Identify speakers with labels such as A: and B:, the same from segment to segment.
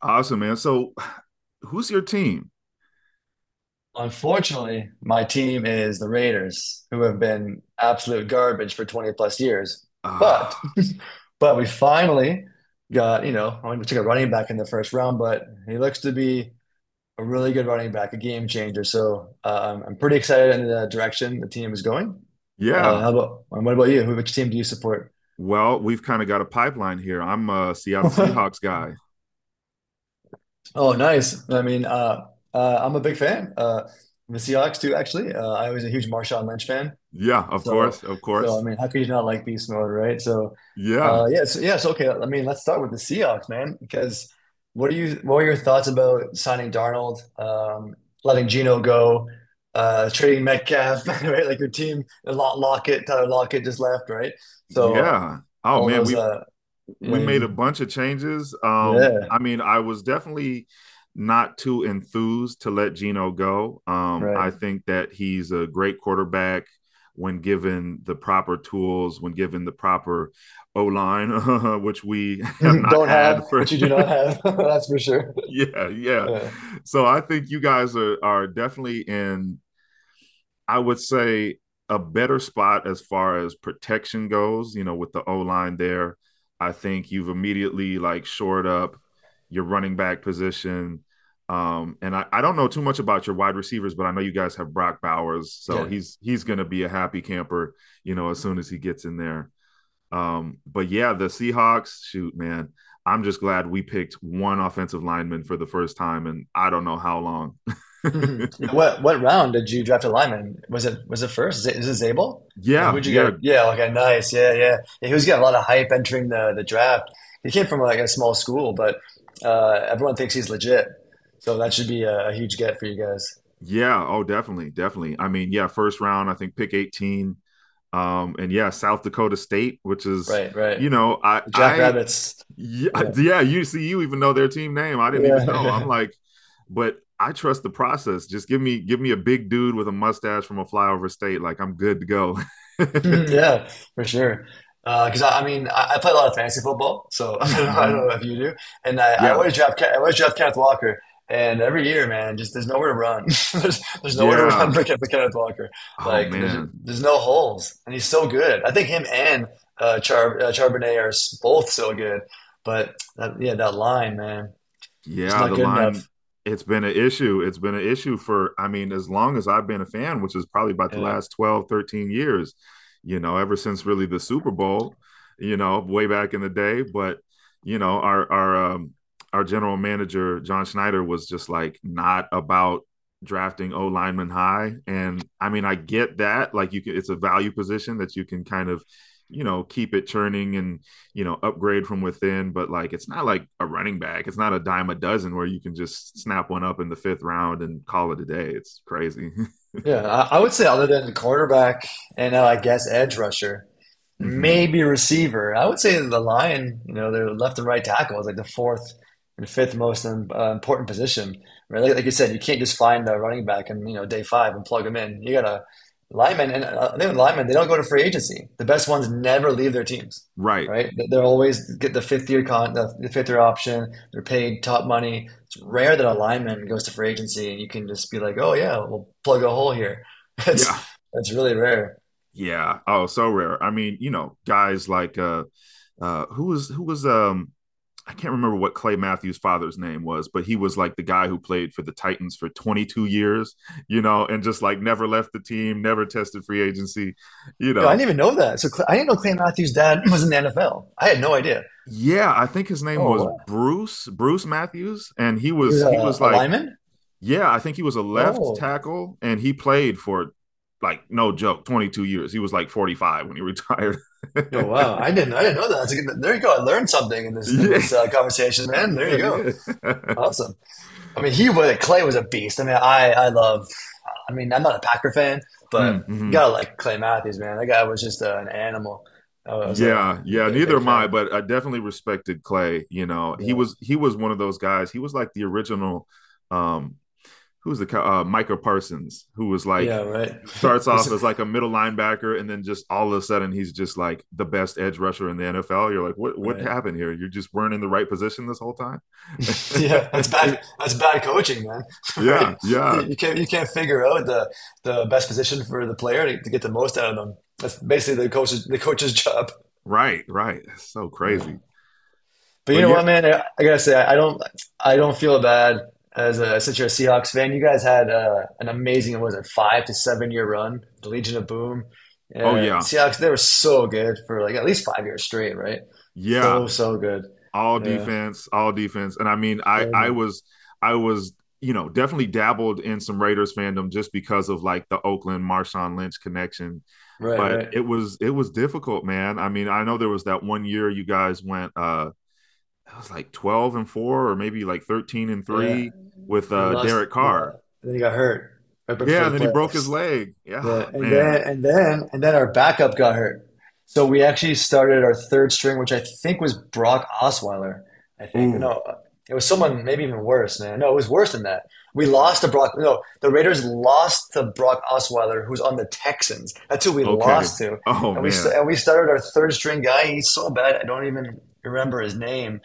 A: Awesome, man. So, who's your team?
B: Unfortunately, my team is the Raiders, who have been absolute garbage for 20 plus years.
A: Uh,
B: But but we finally got, you know, I mean, we took a running back in the first round, but he looks to be a really good running back, a game changer. So I'm pretty excited in the direction the team is going. Uh, how
A: yeah.
B: about what about you? Who- Which team do you support?
A: Well, we've kind of got a pipeline here. I'm a Seattle Seahawks guy.
B: Oh, nice. I'm a big fan of the Seahawks too, actually. I was a huge Marshawn Lynch fan.
A: Yeah, of
B: So,
A: course, of
B: so, I
A: course.
B: mean, how could you not like beast mode, right? So, uh,
A: Yeah,
B: yeah, so, yeah, so okay. I mean, let's start with the Seahawks, man, because what were your thoughts about signing Darnold, letting Geno go, trading Metcalf, right? Like your team, Lockett, Tyler Lockett just left, right? So uh,
A: yeah. Oh
B: all
A: man,
B: those,
A: we
B: yeah,
A: we
B: you,
A: made a
B: you-
A: bunch of changes.
B: yeah,
A: I mean, I was definitely not too enthused to let Geno go.
B: right.
A: I think that he's a great quarterback when given the proper tools, when given the proper O line, which we have not
B: Don't
A: had
B: have, but
A: for
B: you do not have. That's for sure.
A: yeah, yeah.
B: Yeah.
A: So I think you guys are definitely in, I would say, a better spot as far as protection goes. You know, with the O line there, I think you've immediately like shored up your running back position. I don't know too much about your wide receivers, but I know you guys have Brock Bowers, so
B: Yeah.
A: he's gonna be a happy camper, you know, as soon as he gets in there. But yeah, the Seahawks, shoot, man, I'm just glad we picked one offensive lineman for the first time and I don't know how long.
B: hmm What round did you draft a lineman? Was it first? Is it Zabel? No,
A: yeah,
B: who'd you
A: yeah,
B: guys? Yeah, okay, nice. Yeah, yeah, yeah. He was getting a lot of hype entering the draft. He came from like a small school, but everyone thinks he's legit. So that should be a huge get for you guys.
A: yeah. Oh, definitely, definitely. I mean, yeah, first round, I think pick 18. And yeah, South Dakota State, which is
B: Right, right.
A: you know, I,
B: The
A: I,
B: Jackrabbits. Yeah,
A: yeah, you see, you even know their team name. I didn't even know. I'm
B: yeah.
A: like, but I trust the process. Just Give me a big dude with a mustache from a flyover state. Like I'm good to go.
B: Yeah, for sure. Because I play a lot of fantasy football, so
A: Mm,
B: I
A: mm-hmm.
B: don't know if you do. And I
A: Yeah.
B: always I always draft Kenneth Walker. And every year, man, just there's nowhere to run. There's nowhere to
A: Yeah.
B: for Kenneth Walker.
A: Oh
B: Like there's
A: man.
B: there's no holes, and he's so good. I think him and Charbonnet are both so good. But that, yeah, that line, man, just
A: Yeah,
B: not
A: the
B: good
A: line
B: enough.
A: it's been an issue. It's been an issue for, I mean, as long as I've been a fan, which is probably about the
B: Yeah.
A: last 12, 13 years, you know, ever since really the Super Bowl, you know, way back in the day, but you know, our our um our general manager John Schneider was just like not about drafting O lineman high. And I mean I get that, like, you can, it's a value position that you can kind of, you know, keep it churning and, you know, upgrade from within, but like it's not like a running back. It's not a dime a dozen where you can just snap one up in the fifth round and call it a day. It's crazy.
B: Yeah, I would say other than cornerback and I guess edge rusher,
A: mm-hmm.
B: maybe receiver. I would say the line, you know, their left and right tackle is like the fourth and fifth most important position. Right? Like you said, you can't just find a running back and you know day five and plug him in. You got to linemen, and I think with linemen they don't go to free agency. The best ones never leave their teams.
A: Right.
B: Right? They're always get the fifth year option. They're paid top money rare that a lineman goes to free agency and you can just be like, oh yeah, we'll plug a hole here. That's
A: Yeah.
B: that's really rare.
A: Yeah. Oh, so rare. I mean, you know, guys like who was I can't remember what Clay Matthews' father's name was, but he was like the guy who played for the Titans for 22 years, you know, and just like never left the team, never tested free agency, you
B: You know, I didn't
A: know.
B: even know that. So I didn't know Clay Matthews' dad was in the NFL. I had no idea.
A: Yeah, I think his name
B: Oh,
A: was
B: what?
A: Bruce Matthews, and he
B: And he
A: was
B: was
A: he was
B: a
A: like,
B: lineman.
A: yeah, I think he was a left
B: Oh,
A: tackle, and he played for, like, no joke, 22 years. He was like 45 when he retired.
B: oh wow! I didn't know that. That's a good, there you go. I learned something in
A: yeah,
B: this conversation, man. There
A: yeah,
B: you go.
A: yeah.
B: Awesome. I mean, he was Clay was a beast. I love. I mean, I'm not a Packer fan, but you
A: mm-hmm.
B: gotta like Clay Matthews, man. That guy was just an animal. I was a
A: Yeah, yeah.
B: big,
A: Neither
B: big
A: am I,
B: fan.
A: but I definitely respected Clay. You know, he
B: Yeah.
A: was he was one of those guys. He was like the original um who's the Micah Parsons, who was like,
B: Yeah, right.
A: he starts off
B: Who's-
A: as like a middle linebacker, and then just all of a sudden he's just like the best edge rusher in the NFL. You're like, what
B: Right.
A: happened here? You just weren't in the right position this whole time.
B: Yeah, that's bad. That's bad coaching, man. Right?
A: yeah, yeah,
B: You can't figure out the best position for the player to get the most out of them. That's basically the coach's job.
A: right, right. That's so
B: Yeah.
A: crazy.
B: But you
A: But
B: know
A: yeah,
B: what, man? I don't feel bad as a since you're a Seahawks fan. You guys had an amazing, what was it, 5 to 7 year run, the Legion of Boom.
A: oh yeah,
B: Seahawks, they were so good for like at least 5 years straight, right? So
A: yeah.
B: so good.
A: All
B: Yeah,
A: defense, all defense. And I mean, I
B: sure,
A: I
B: man.
A: was I was you know definitely dabbled in some Raiders fandom just because of like the Oakland Marshawn Lynch connection.
B: Right,
A: But
B: right.
A: it was, it was difficult, man. I mean, I know there was that one year you guys went it was like 12-4 or maybe like 13 and
B: Yeah.
A: 3 with
B: And
A: Derek
B: we lost.
A: Carr.
B: And then he got hurt right before
A: Yeah,
B: the
A: then he broke his
B: playoffs.
A: leg. Yeah,
B: Yeah. And
A: man.
B: then, and then our backup got hurt. So we actually started our third string, which I think was Brock Osweiler. I think.
A: Ooh.
B: No, it was someone maybe even worse, man. No, it was worse than that. We
A: Yeah.
B: lost to Brock. No, the Raiders lost to Brock Osweiler, who's on the Texans. That's who we
A: Okay.
B: lost to.
A: Oh
B: And
A: man.
B: we started our third string guy. He's so bad. I don't even remember his name.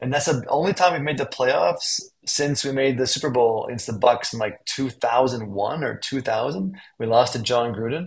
B: And that's the only time we've made the playoffs since we made the Super Bowl against the Bucks in like 2001 or 2000. We lost to John Gruden.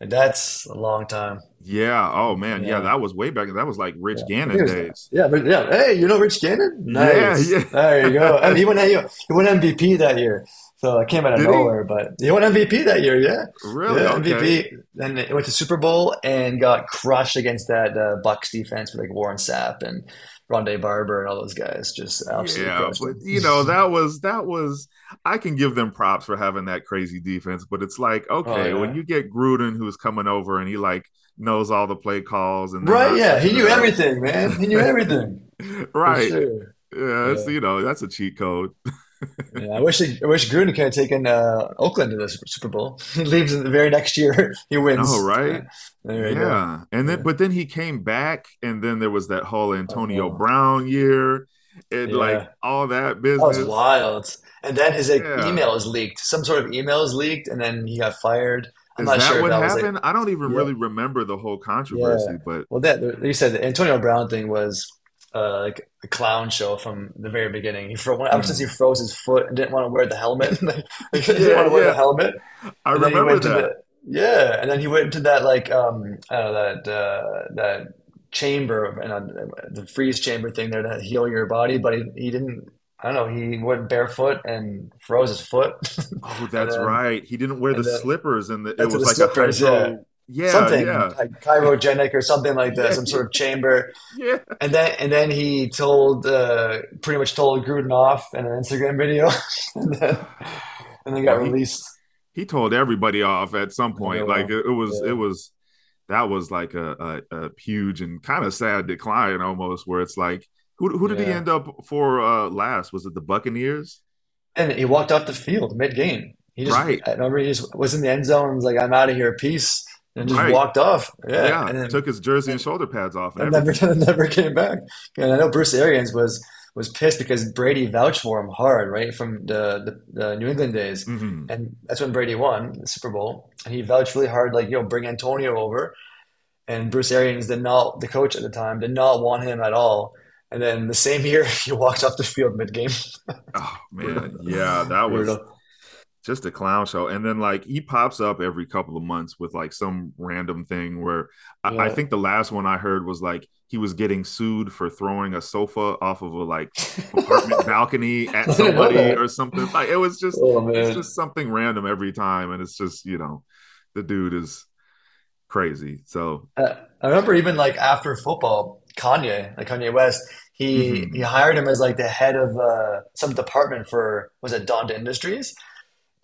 B: And that's a long time.
A: Yeah. Oh man. Yeah,
B: Yeah.
A: that was way back. That was like
B: Yeah,
A: Rich
B: I think it
A: Gannon
B: was that.
A: days.
B: Hey, you know Rich Gannon?
A: Yeah,
B: Nice.
A: yeah.
B: There you go. And he won MVP that year. So I came out of
A: Did he?
B: nowhere, but he won MVP that year. Yeah,
A: Really?
B: yeah,
A: Okay.
B: MVP. Then he went to Super Bowl and got crushed against that Bucks defense with like Warren Sapp and Rondé Barber and all those guys. Just absolutely
A: Yeah,
B: crushed
A: but
B: him.
A: you know, that was that was, I can give them props for having that crazy defense, but it's like,
B: Oh
A: okay, when
B: yeah.
A: you get Gruden who's coming over and he like knows all the play calls and they're
B: Right?
A: not
B: Yeah, he
A: switching it
B: knew
A: up.
B: everything, man. He knew everything for
A: Right.
B: sure.
A: Yeah, it's,
B: Yeah.
A: you know, that's a cheat code.
B: I wish Grunic had taken Oakland to the Super Bowl. He leaves in the very next year. He
A: No,
B: wins.
A: right?
B: There you go.
A: Yeah. And then
B: Yeah.
A: but then he came back and then there was that whole Antonio
B: Oh,
A: Brown year and like
B: yeah.
A: all that
B: That was
A: business.
B: wild. And then his like
A: Yeah.
B: email is leaked. Some sort of email is leaked, and then he got fired. I'm
A: Is
B: not
A: that
B: sure if
A: what
B: that was like,
A: happened? I don't even
B: yeah,
A: really remember the whole
B: yeah.
A: controversy, but
B: Well, that like you said the Antonio Brown thing was like a clown show from the very beginning. He fro ever since he
A: mhm.
B: froze his foot and didn't want to wear the helmet. Like, he didn't
A: yeah,
B: want to wear the
A: yeah.
B: helmet.
A: I
B: And then he
A: remember
B: went to the
A: that.
B: yeah, and then he went to that like I that that chamber of- and the freeze chamber thing there to heal your body, but he didn't. I don't know. He went barefoot and froze his foot,
A: Oh,
B: and
A: that's
B: then
A: right. He didn't wear the
B: and then
A: slippers and the, it
B: that's to
A: was
B: the
A: like a
B: slippers. Yeah,
A: hydro. Yeah,
B: something
A: yeah.
B: like chirogenic or something like that,
A: Yeah,
B: some
A: yeah.
B: sort of chamber.
A: Yeah.
B: And then he told pretty much told Gruden off in an Instagram video, and then and then
A: Well,
B: got
A: he
B: released.
A: he told everybody off at some
B: After
A: point.
B: a
A: Like
B: while.
A: it was, it
B: Yeah,
A: was that was like a huge and kind of sad decline almost where it's like, who did he
B: yeah.
A: end up for last? Was it the Buccaneers?
B: And he walked off the field mid-game.
A: Right.
B: I remember he just was in the end zone, was like, I'm out of here, peace, and just
A: Right.
B: walked off. Yeah,
A: Yeah,
B: and then
A: took his jersey and
B: and,
A: shoulder pads off and
B: and never
A: everything.
B: never came back. And I know Bruce Arians was pissed because Brady vouched for him hard, right, from the New England days.
A: Hmm.
B: And that's when Brady won the Super Bowl. And he vouched really hard, like, you know, bring Antonio over. And Bruce Arians did not, the coach at the time, did not want him at all. And then the same year, he walked off the field mid-game.
A: Oh
B: Brutal.
A: man, yeah, that was
B: Brutal.
A: just a clown show. And then like he pops up every couple of months with like some random thing where I
B: Yeah.
A: think the last one I heard was like he was getting sued for throwing a sofa off of a like apartment balcony at
B: I didn't know
A: somebody or
B: that.
A: something. Like it was just,
B: Oh
A: it's
B: man.
A: just something random every time, and it's just, you know, the dude is crazy. So,
B: Uh, I remember even like after football, Kanye West, he
A: mhm.
B: hired him as like the head of some department for was it Donda Industries?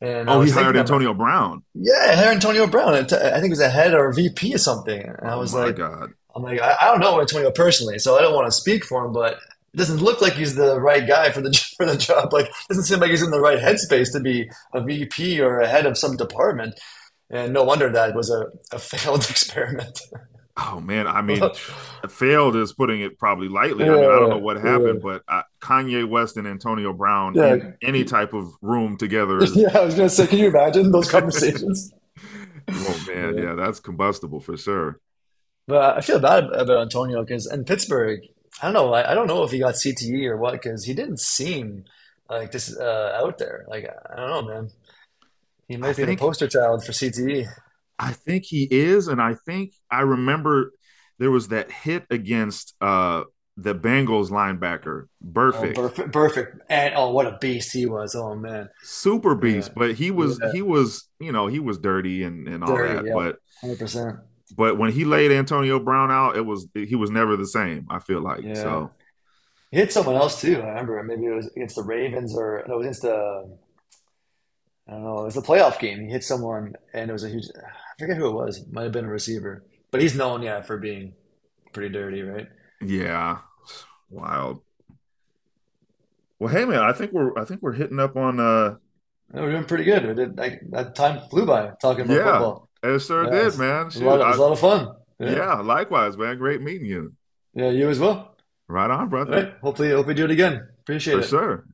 B: And I
A: Oh, he
B: was
A: hired
B: thinking to him,
A: Antonio Brown.
B: yeah, I hired Antonio Brown. And I think he was a head or VP or something. And I
A: Oh
B: was
A: my
B: like,
A: god.
B: I don't know Antonio personally, so I don't want to speak for him, but it doesn't look like he's the right guy for the for the job. Like, doesn't seem like he's in the right headspace to be a VP or a head of some department. And no wonder that was a failed experiment.
A: Oh man, I mean,
B: yeah,
A: failed is putting it probably lightly. I mean, I don't know
B: yeah,
A: what happened,
B: yeah,
A: but Kanye West and Antonio Brown in any type of room together is.
B: yeah. I was gonna say, can you imagine those conversations?
A: Oh man,
B: Yeah.
A: yeah, that's combustible for sure.
B: But I feel bad about Antonio because in Pittsburgh, I don't know. I don't know if he got CTE or what because he didn't seem like this out there. Like I don't know, man. He
A: I
B: might be the
A: think
B: poster child for CTE.
A: I think he is, and I think I remember there was that hit against the Bengals linebacker,
B: Oh,
A: perfect,
B: perfect, perfect, and oh, what a beast he was. Oh man,
A: super
B: yeah,
A: beast. But he
B: yeah,
A: was he was you know he was dirty and all
B: dirty,
A: that,
B: yeah,
A: but
B: 100%,
A: But when he laid Antonio Brown out, it was, he was never the same. I feel like
B: yeah.
A: so.
B: He hit someone else too. I remember maybe it was against the Ravens or no, it was against the I don't know. It was the playoff game. He hit someone, and it was a huge. I forget who it was. It Might have been a receiver, but he's known, yeah, for being pretty dirty, right?
A: Yeah, wild. Well, hey man, I think we're hitting up on uh,
B: And we're doing pretty good. We did like that time flew by talking about
A: yeah,
B: football.
A: it sure
B: Yeah, it
A: did,
B: was
A: man.
B: a
A: Shoot,
B: lot. Of, it was
A: I,
B: a lot of fun. Yeah,
A: yeah, likewise, man. Great meeting you.
B: yeah, you as well.
A: Right on,
B: All
A: brother,
B: right. Hopefully, hope we do it again. Appreciate
A: for
B: it.
A: sure.